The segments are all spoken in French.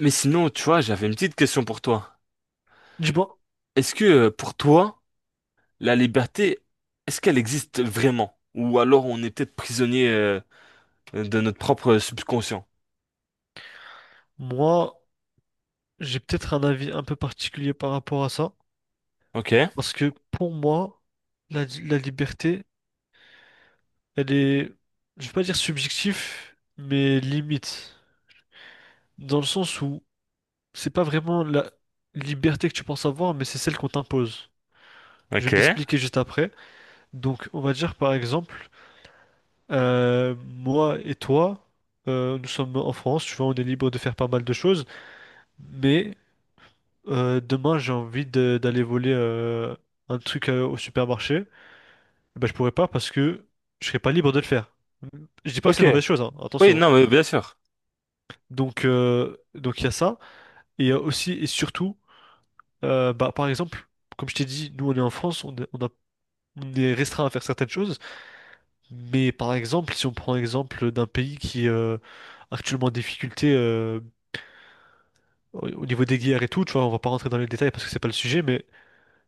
Mais sinon, tu vois, j'avais une petite question pour toi. Dis-moi, Est-ce que pour toi, la liberté, est-ce qu'elle existe vraiment? Ou alors on est peut-être prisonnier de notre propre subconscient? moi, j'ai peut-être un avis un peu particulier par rapport à ça, Ok, parce que pour moi, la liberté, elle est, je vais pas dire subjectif, mais limite, dans le sens où c'est pas vraiment la liberté que tu penses avoir, mais c'est celle qu'on t'impose. Je vais ok, m'expliquer juste après. Donc, on va dire par exemple, moi et toi, nous sommes en France, tu vois, on est libre de faire pas mal de choses, mais Demain, d'aller voler un truc au supermarché. Bah, je pourrais pas parce que je serais pas libre de le faire. Je dis pas que ok. c'est une mauvaise chose, hein, Oui, attention, hein. non, mais bien sûr. Donc il y a ça. Et il y a aussi et surtout, bah, par exemple, comme je t'ai dit, nous on est en France, on est restreint à faire certaines choses. Mais par exemple, si on prend l'exemple d'un pays qui est actuellement en difficulté au niveau des guerres et tout, tu vois, on va pas rentrer dans les détails parce que c'est pas le sujet, mais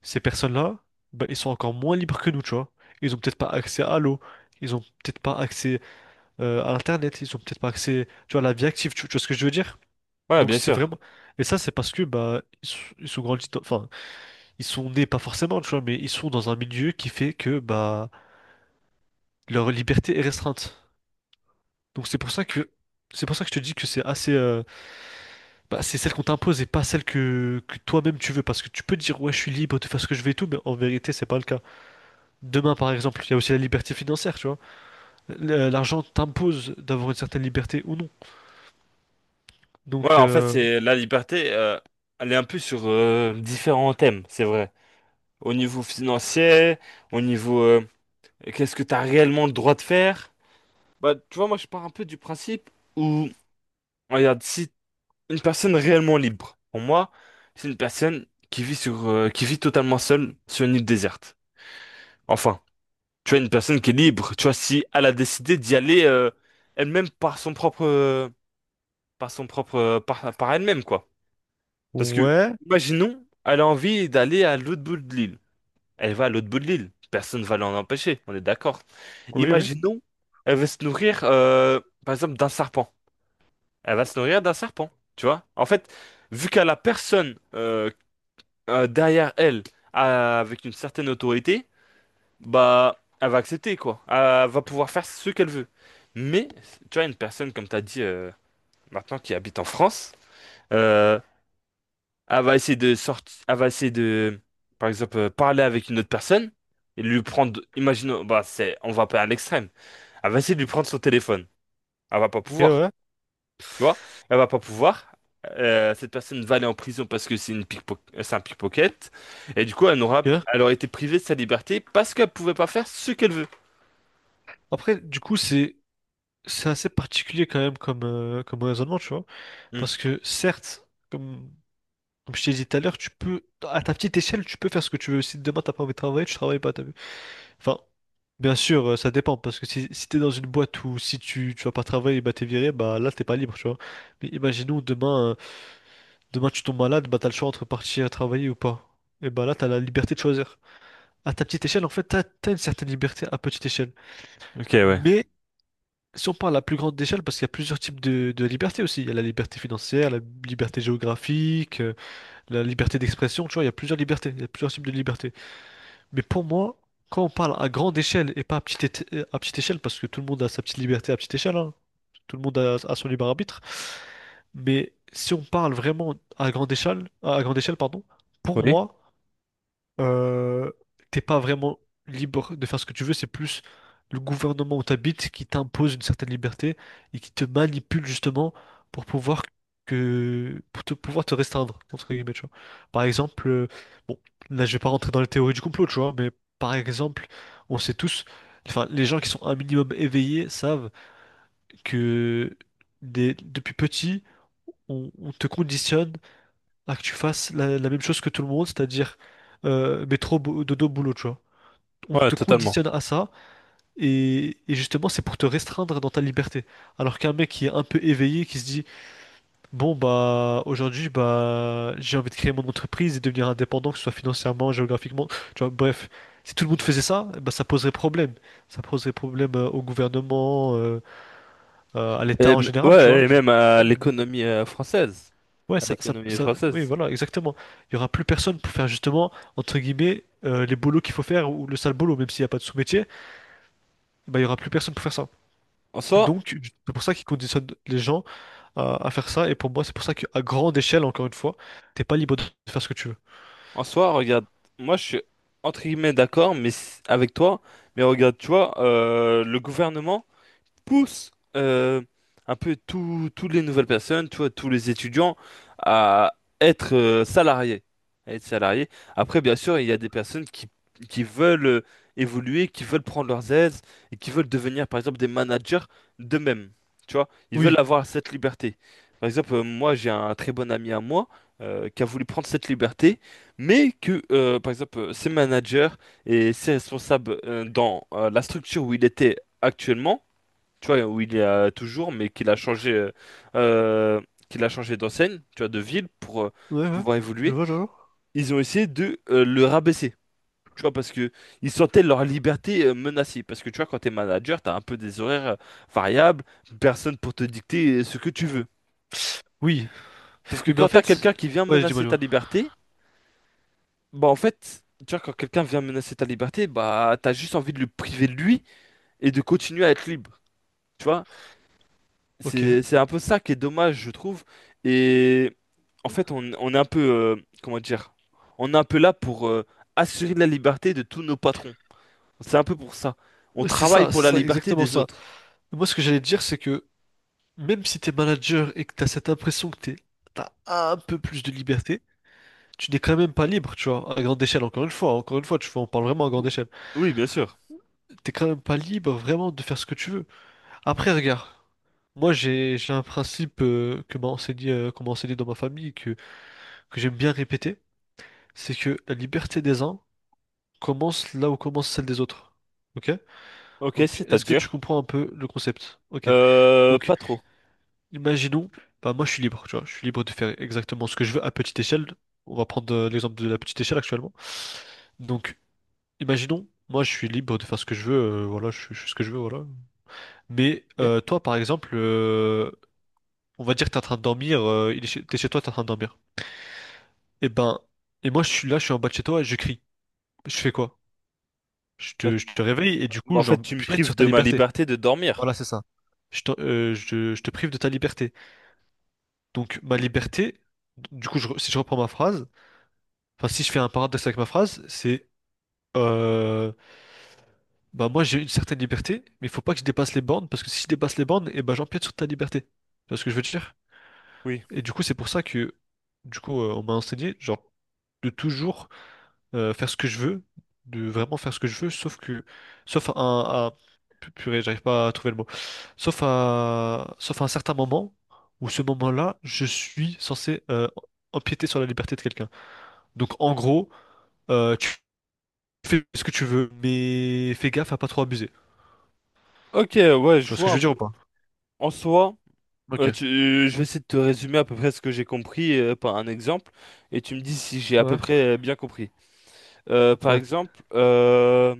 ces personnes-là, ben, ils sont encore moins libres que nous, tu vois. Ils ont peut-être pas accès à l'eau, ils ont peut-être pas accès à Internet, ils ont peut-être pas accès, tu vois, à la vie active, tu vois ce que je veux dire? Ouais, Donc bien c'est sûr. vraiment... Et ça, c'est parce que bah, ils sont grandis dans- Enfin, ils sont nés pas forcément, tu vois, mais ils sont dans un milieu qui fait que bah, leur liberté est restreinte. Donc c'est pour ça que... C'est pour ça que je te dis que c'est assez... bah, c'est celle qu'on t'impose et pas celle que toi-même tu veux. Parce que tu peux dire, ouais, je suis libre de faire ce que je veux et tout, mais en vérité, c'est pas le cas. Demain, par exemple, il y a aussi la liberté financière, tu vois. L'argent t'impose d'avoir une certaine liberté ou non. Ouais, Donc, en fait, c'est la liberté, elle est un peu sur différents thèmes, c'est vrai. Au niveau financier, au niveau qu'est-ce que tu as réellement le droit de faire? Bah, tu vois, moi, je pars un peu du principe où, regarde, si une personne réellement libre, pour moi, c'est une personne qui vit sur, qui vit totalement seule sur une île déserte. Enfin, tu as une personne qui est libre, tu vois, si elle a décidé d'y aller elle-même par son propre, par son propre, par elle-même, quoi. Parce que, ouais, imaginons, elle a envie d'aller à l'autre bout de l'île. Elle va à l'autre bout de l'île, personne ne va l'en empêcher, on est d'accord. oui, oui, ok, Imaginons, elle veut se nourrir, par exemple, d'un serpent. Elle va se nourrir d'un serpent, tu vois. En fait, vu qu'elle a personne derrière elle avec une certaine autorité, bah, elle va accepter quoi. Elle va pouvoir faire ce qu'elle veut. Mais, tu vois, une personne, comme tu as dit maintenant, qui habite en France, euh, elle va essayer de sortir, elle va essayer de, par exemple, parler avec une autre personne et lui prendre, imaginons, bah, on va pas à l'extrême, elle va essayer de lui prendre son téléphone. Elle va pas pouvoir. ouais, Tu vois? Elle va pas pouvoir. Cette personne va aller en prison parce que c'est un pickpocket. Et du coup, ok. elle aurait été privée de sa liberté parce qu'elle pouvait pas faire ce qu'elle veut. Après, du coup, c'est assez particulier quand même comme raisonnement, tu vois. Hmm. Parce que certes, comme je t'ai dit tout à l'heure, à ta petite échelle, tu peux faire ce que tu veux. Si demain, t'as pas envie de travailler, tu travailles pas, t'as vu. Enfin, bien sûr, ça dépend. Parce que si t'es dans une boîte où si tu vas pas travailler, bah t'es viré, bah là, t'es pas libre, tu vois. Mais imaginons demain. Demain, tu tombes malade, bah t'as le choix entre partir travailler ou pas. Et bah là, t'as la liberté de choisir. À ta petite échelle, en fait, t'as une certaine liberté à petite échelle. Ok, ouais. Mais si on parle à plus grande échelle, parce qu'il y a plusieurs types de liberté aussi. Il y a la liberté financière, la liberté géographique, la liberté d'expression, tu vois, il y a plusieurs libertés, il y a plusieurs types de libertés. Mais pour moi, quand on parle à grande échelle et pas à petite, à petite échelle, parce que tout le monde a sa petite liberté à petite échelle, hein. Tout le monde a son libre arbitre. Mais si on parle vraiment à grande échelle, pardon, pour Oui, moi, euh, t'es pas vraiment libre de faire ce que tu veux, c'est plus le gouvernement où t'habites qui t'impose une certaine liberté et qui te manipule justement pour pouvoir pouvoir te restreindre, entre guillemets, tu vois. Par exemple, bon, là je vais pas rentrer dans les théories du complot, tu vois, mais par exemple, on sait tous, enfin les gens qui sont un minimum éveillés savent que depuis petit, on te conditionne à que tu fasses la même chose que tout le monde, c'est-à-dire métro, dodo, boulot, tu vois. On ouais, te totalement. conditionne à ça, et justement, c'est pour te restreindre dans ta liberté. Alors qu'un mec qui est un peu éveillé, qui se dit, bon, bah, aujourd'hui, bah, j'ai envie de créer mon entreprise et devenir indépendant, que ce soit financièrement, géographiquement, tu vois, bref. Si tout le monde faisait ça, bah, ça poserait problème. Ça poserait problème au gouvernement, à Et, l'État en général, tu ouais, vois, et ça même poserait à problème. l'économie française. Ouais, À l'économie oui, française. voilà, exactement. Il y aura plus personne pour faire justement, entre guillemets, les bolos qu'il faut faire ou le sale boulot, même s'il n'y a pas de sous-métier, bah, il y aura plus personne pour faire ça. En soi, Donc, c'est pour ça qu'ils conditionnent les gens à faire ça. Et pour moi, c'est pour ça qu'à grande échelle, encore une fois, t'es pas libre de faire ce que tu veux. en soi, regarde, moi je suis entre guillemets d'accord, mais avec toi, mais regarde, tu vois, le gouvernement pousse euh, un peu toutes les nouvelles personnes, tu vois, tous les étudiants à être salariés, à être salariés. Après, bien sûr, il y a des personnes qui veulent évoluer, qui veulent prendre leurs aises et qui veulent devenir, par exemple, des managers d'eux-mêmes. Tu vois, ils veulent Oui, avoir cette liberté. Par exemple, moi, j'ai un très bon ami à moi qui a voulu prendre cette liberté, mais par exemple, ses managers et ses responsables dans la structure où il était actuellement, tu vois, où il est toujours, mais euh, qu'il a changé d'enseigne, tu vois, de ville pour ouais, ouais, pouvoir je évoluer. vois, je vois. Ils ont essayé de le rabaisser, tu vois, parce que ils sentaient leur liberté menacée. Parce que tu vois, quand t'es manager, t'as un peu des horaires variables, personne pour te dicter ce que tu veux. Oui, Sauf que oui, mais en quand t'as fait, quelqu'un qui vient ouais, dis-moi, menacer ta dis-moi. liberté, Bah en fait, tu vois, quand quelqu'un vient menacer ta liberté, bah t'as juste envie de le priver de lui et de continuer à être libre. Tu vois, Ok, c'est un peu ça qui est dommage, je trouve. Et en fait, on est un peu, comment dire, on est un peu là pour assurer la liberté de tous nos patrons. C'est un peu pour ça. On travaille pour c'est la ça, liberté exactement des ça. autres. Moi, ce que j'allais te dire, c'est que même si t'es manager et que t'as cette impression que t'as un peu plus de liberté, tu n'es quand même pas libre, tu vois, à grande échelle, encore une fois, tu vois, on parle vraiment à grande Ou- échelle. Oui, bien sûr. T'es quand même pas libre vraiment de faire ce que tu veux. Après, regarde, moi j'ai un principe que qu'on m'a enseigné dans ma famille, que j'aime bien répéter, c'est que la liberté des uns commence là où commence celle des autres. Ok? Ok, Donc, est-ce que tu c'est-à-dire? comprends un peu le concept? Ok. Donc, Pas trop. imaginons, bah moi je suis libre, tu vois, je suis libre de faire exactement ce que je veux à petite échelle. On va prendre l'exemple de la petite échelle actuellement. Donc, imaginons, moi je suis libre de faire ce que je veux, voilà, je fais ce que je veux, voilà. Mais Ok. Toi, par exemple, on va dire que t'es en train de dormir, t'es chez toi, t'es en train de dormir. Et ben, et moi je suis là, je suis en bas de chez toi et je crie. Je fais quoi? Bah, Je te réveille et du bah, coup en fait, tu me j'empiète prives sur ta de ma liberté. liberté de dormir. Voilà, c'est ça. Je te prive de ta liberté. Donc ma liberté, du coup, si je reprends ma phrase, enfin si je fais un paradoxe avec ma phrase, c'est euh, bah moi j'ai une certaine liberté, mais il faut pas que je dépasse les bornes, parce que si je dépasse les bornes, et bah j'empiète sur ta liberté. Tu vois ce que je veux te dire? Oui. Et du coup c'est pour ça que on m'a enseigné genre de toujours faire ce que je veux, de vraiment faire ce que je veux, sauf que sauf à, un- à- pu- purée, j'arrive pas à trouver le mot. Sauf à un certain moment où ce moment-là, je suis censé empiéter sur la liberté de quelqu'un. Donc en gros, tu fais ce que tu veux, mais fais gaffe à pas trop abuser. Ok, ouais, Tu je vois ce que vois je un veux dire ou peu. pas? En soi, Ok. Je vais essayer de te résumer à peu près ce que j'ai compris par un exemple, et tu me dis si j'ai à peu Ouais, près bien compris. Par ouais, exemple,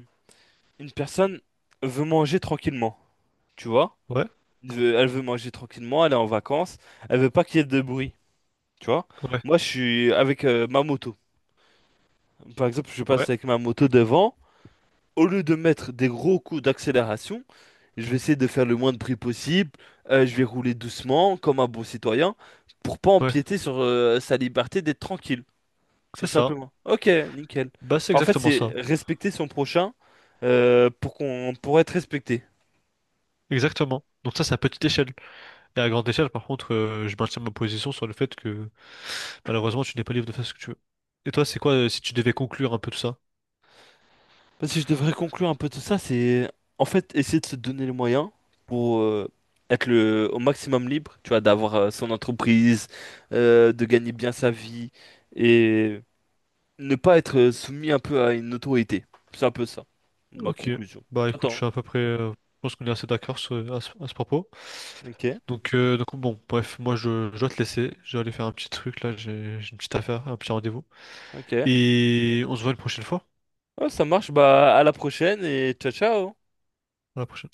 une personne veut manger tranquillement, tu vois? ouais, Elle veut manger tranquillement, elle est en vacances, elle veut pas qu'il y ait de bruit, tu vois? ouais, Moi, je suis avec ma moto. Par exemple, je passe ouais, avec ma moto devant. Au lieu de mettre des gros coups d'accélération, je vais essayer de faire le moins de bruit possible. Je vais rouler doucement, comme un bon citoyen, pour pas ouais. empiéter sur sa liberté d'être tranquille. C'est Tout ça. simplement. Ok, nickel. Bah, c'est En fait, exactement c'est ça. respecter son prochain pour qu'on pour être respecté. Exactement. Donc ça, c'est à petite échelle. Et à grande échelle, par contre, je maintiens ma position sur le fait que malheureusement, tu n'es pas libre de faire ce que tu veux. Et toi, c'est quoi si tu devais conclure un peu tout ça? Bah, si je devrais conclure un peu tout ça, c'est en fait essayer de se donner les moyens pour être le au maximum libre, tu vois, d'avoir son entreprise, de gagner bien sa vie et ne pas être soumis un peu à une autorité. C'est un peu ça, ma Ok. conclusion. Bah, écoute, je T'entends? suis à peu près... je pense qu'on est assez d'accord à ce propos. Hein, ok, Donc, bon, bref, moi, je dois te laisser. Je vais aller faire un petit truc, là. J'ai une petite affaire, un petit rendez-vous. ok. Et on se voit une prochaine fois. Ouais, ça marche, bah à la prochaine et ciao ciao. À la prochaine.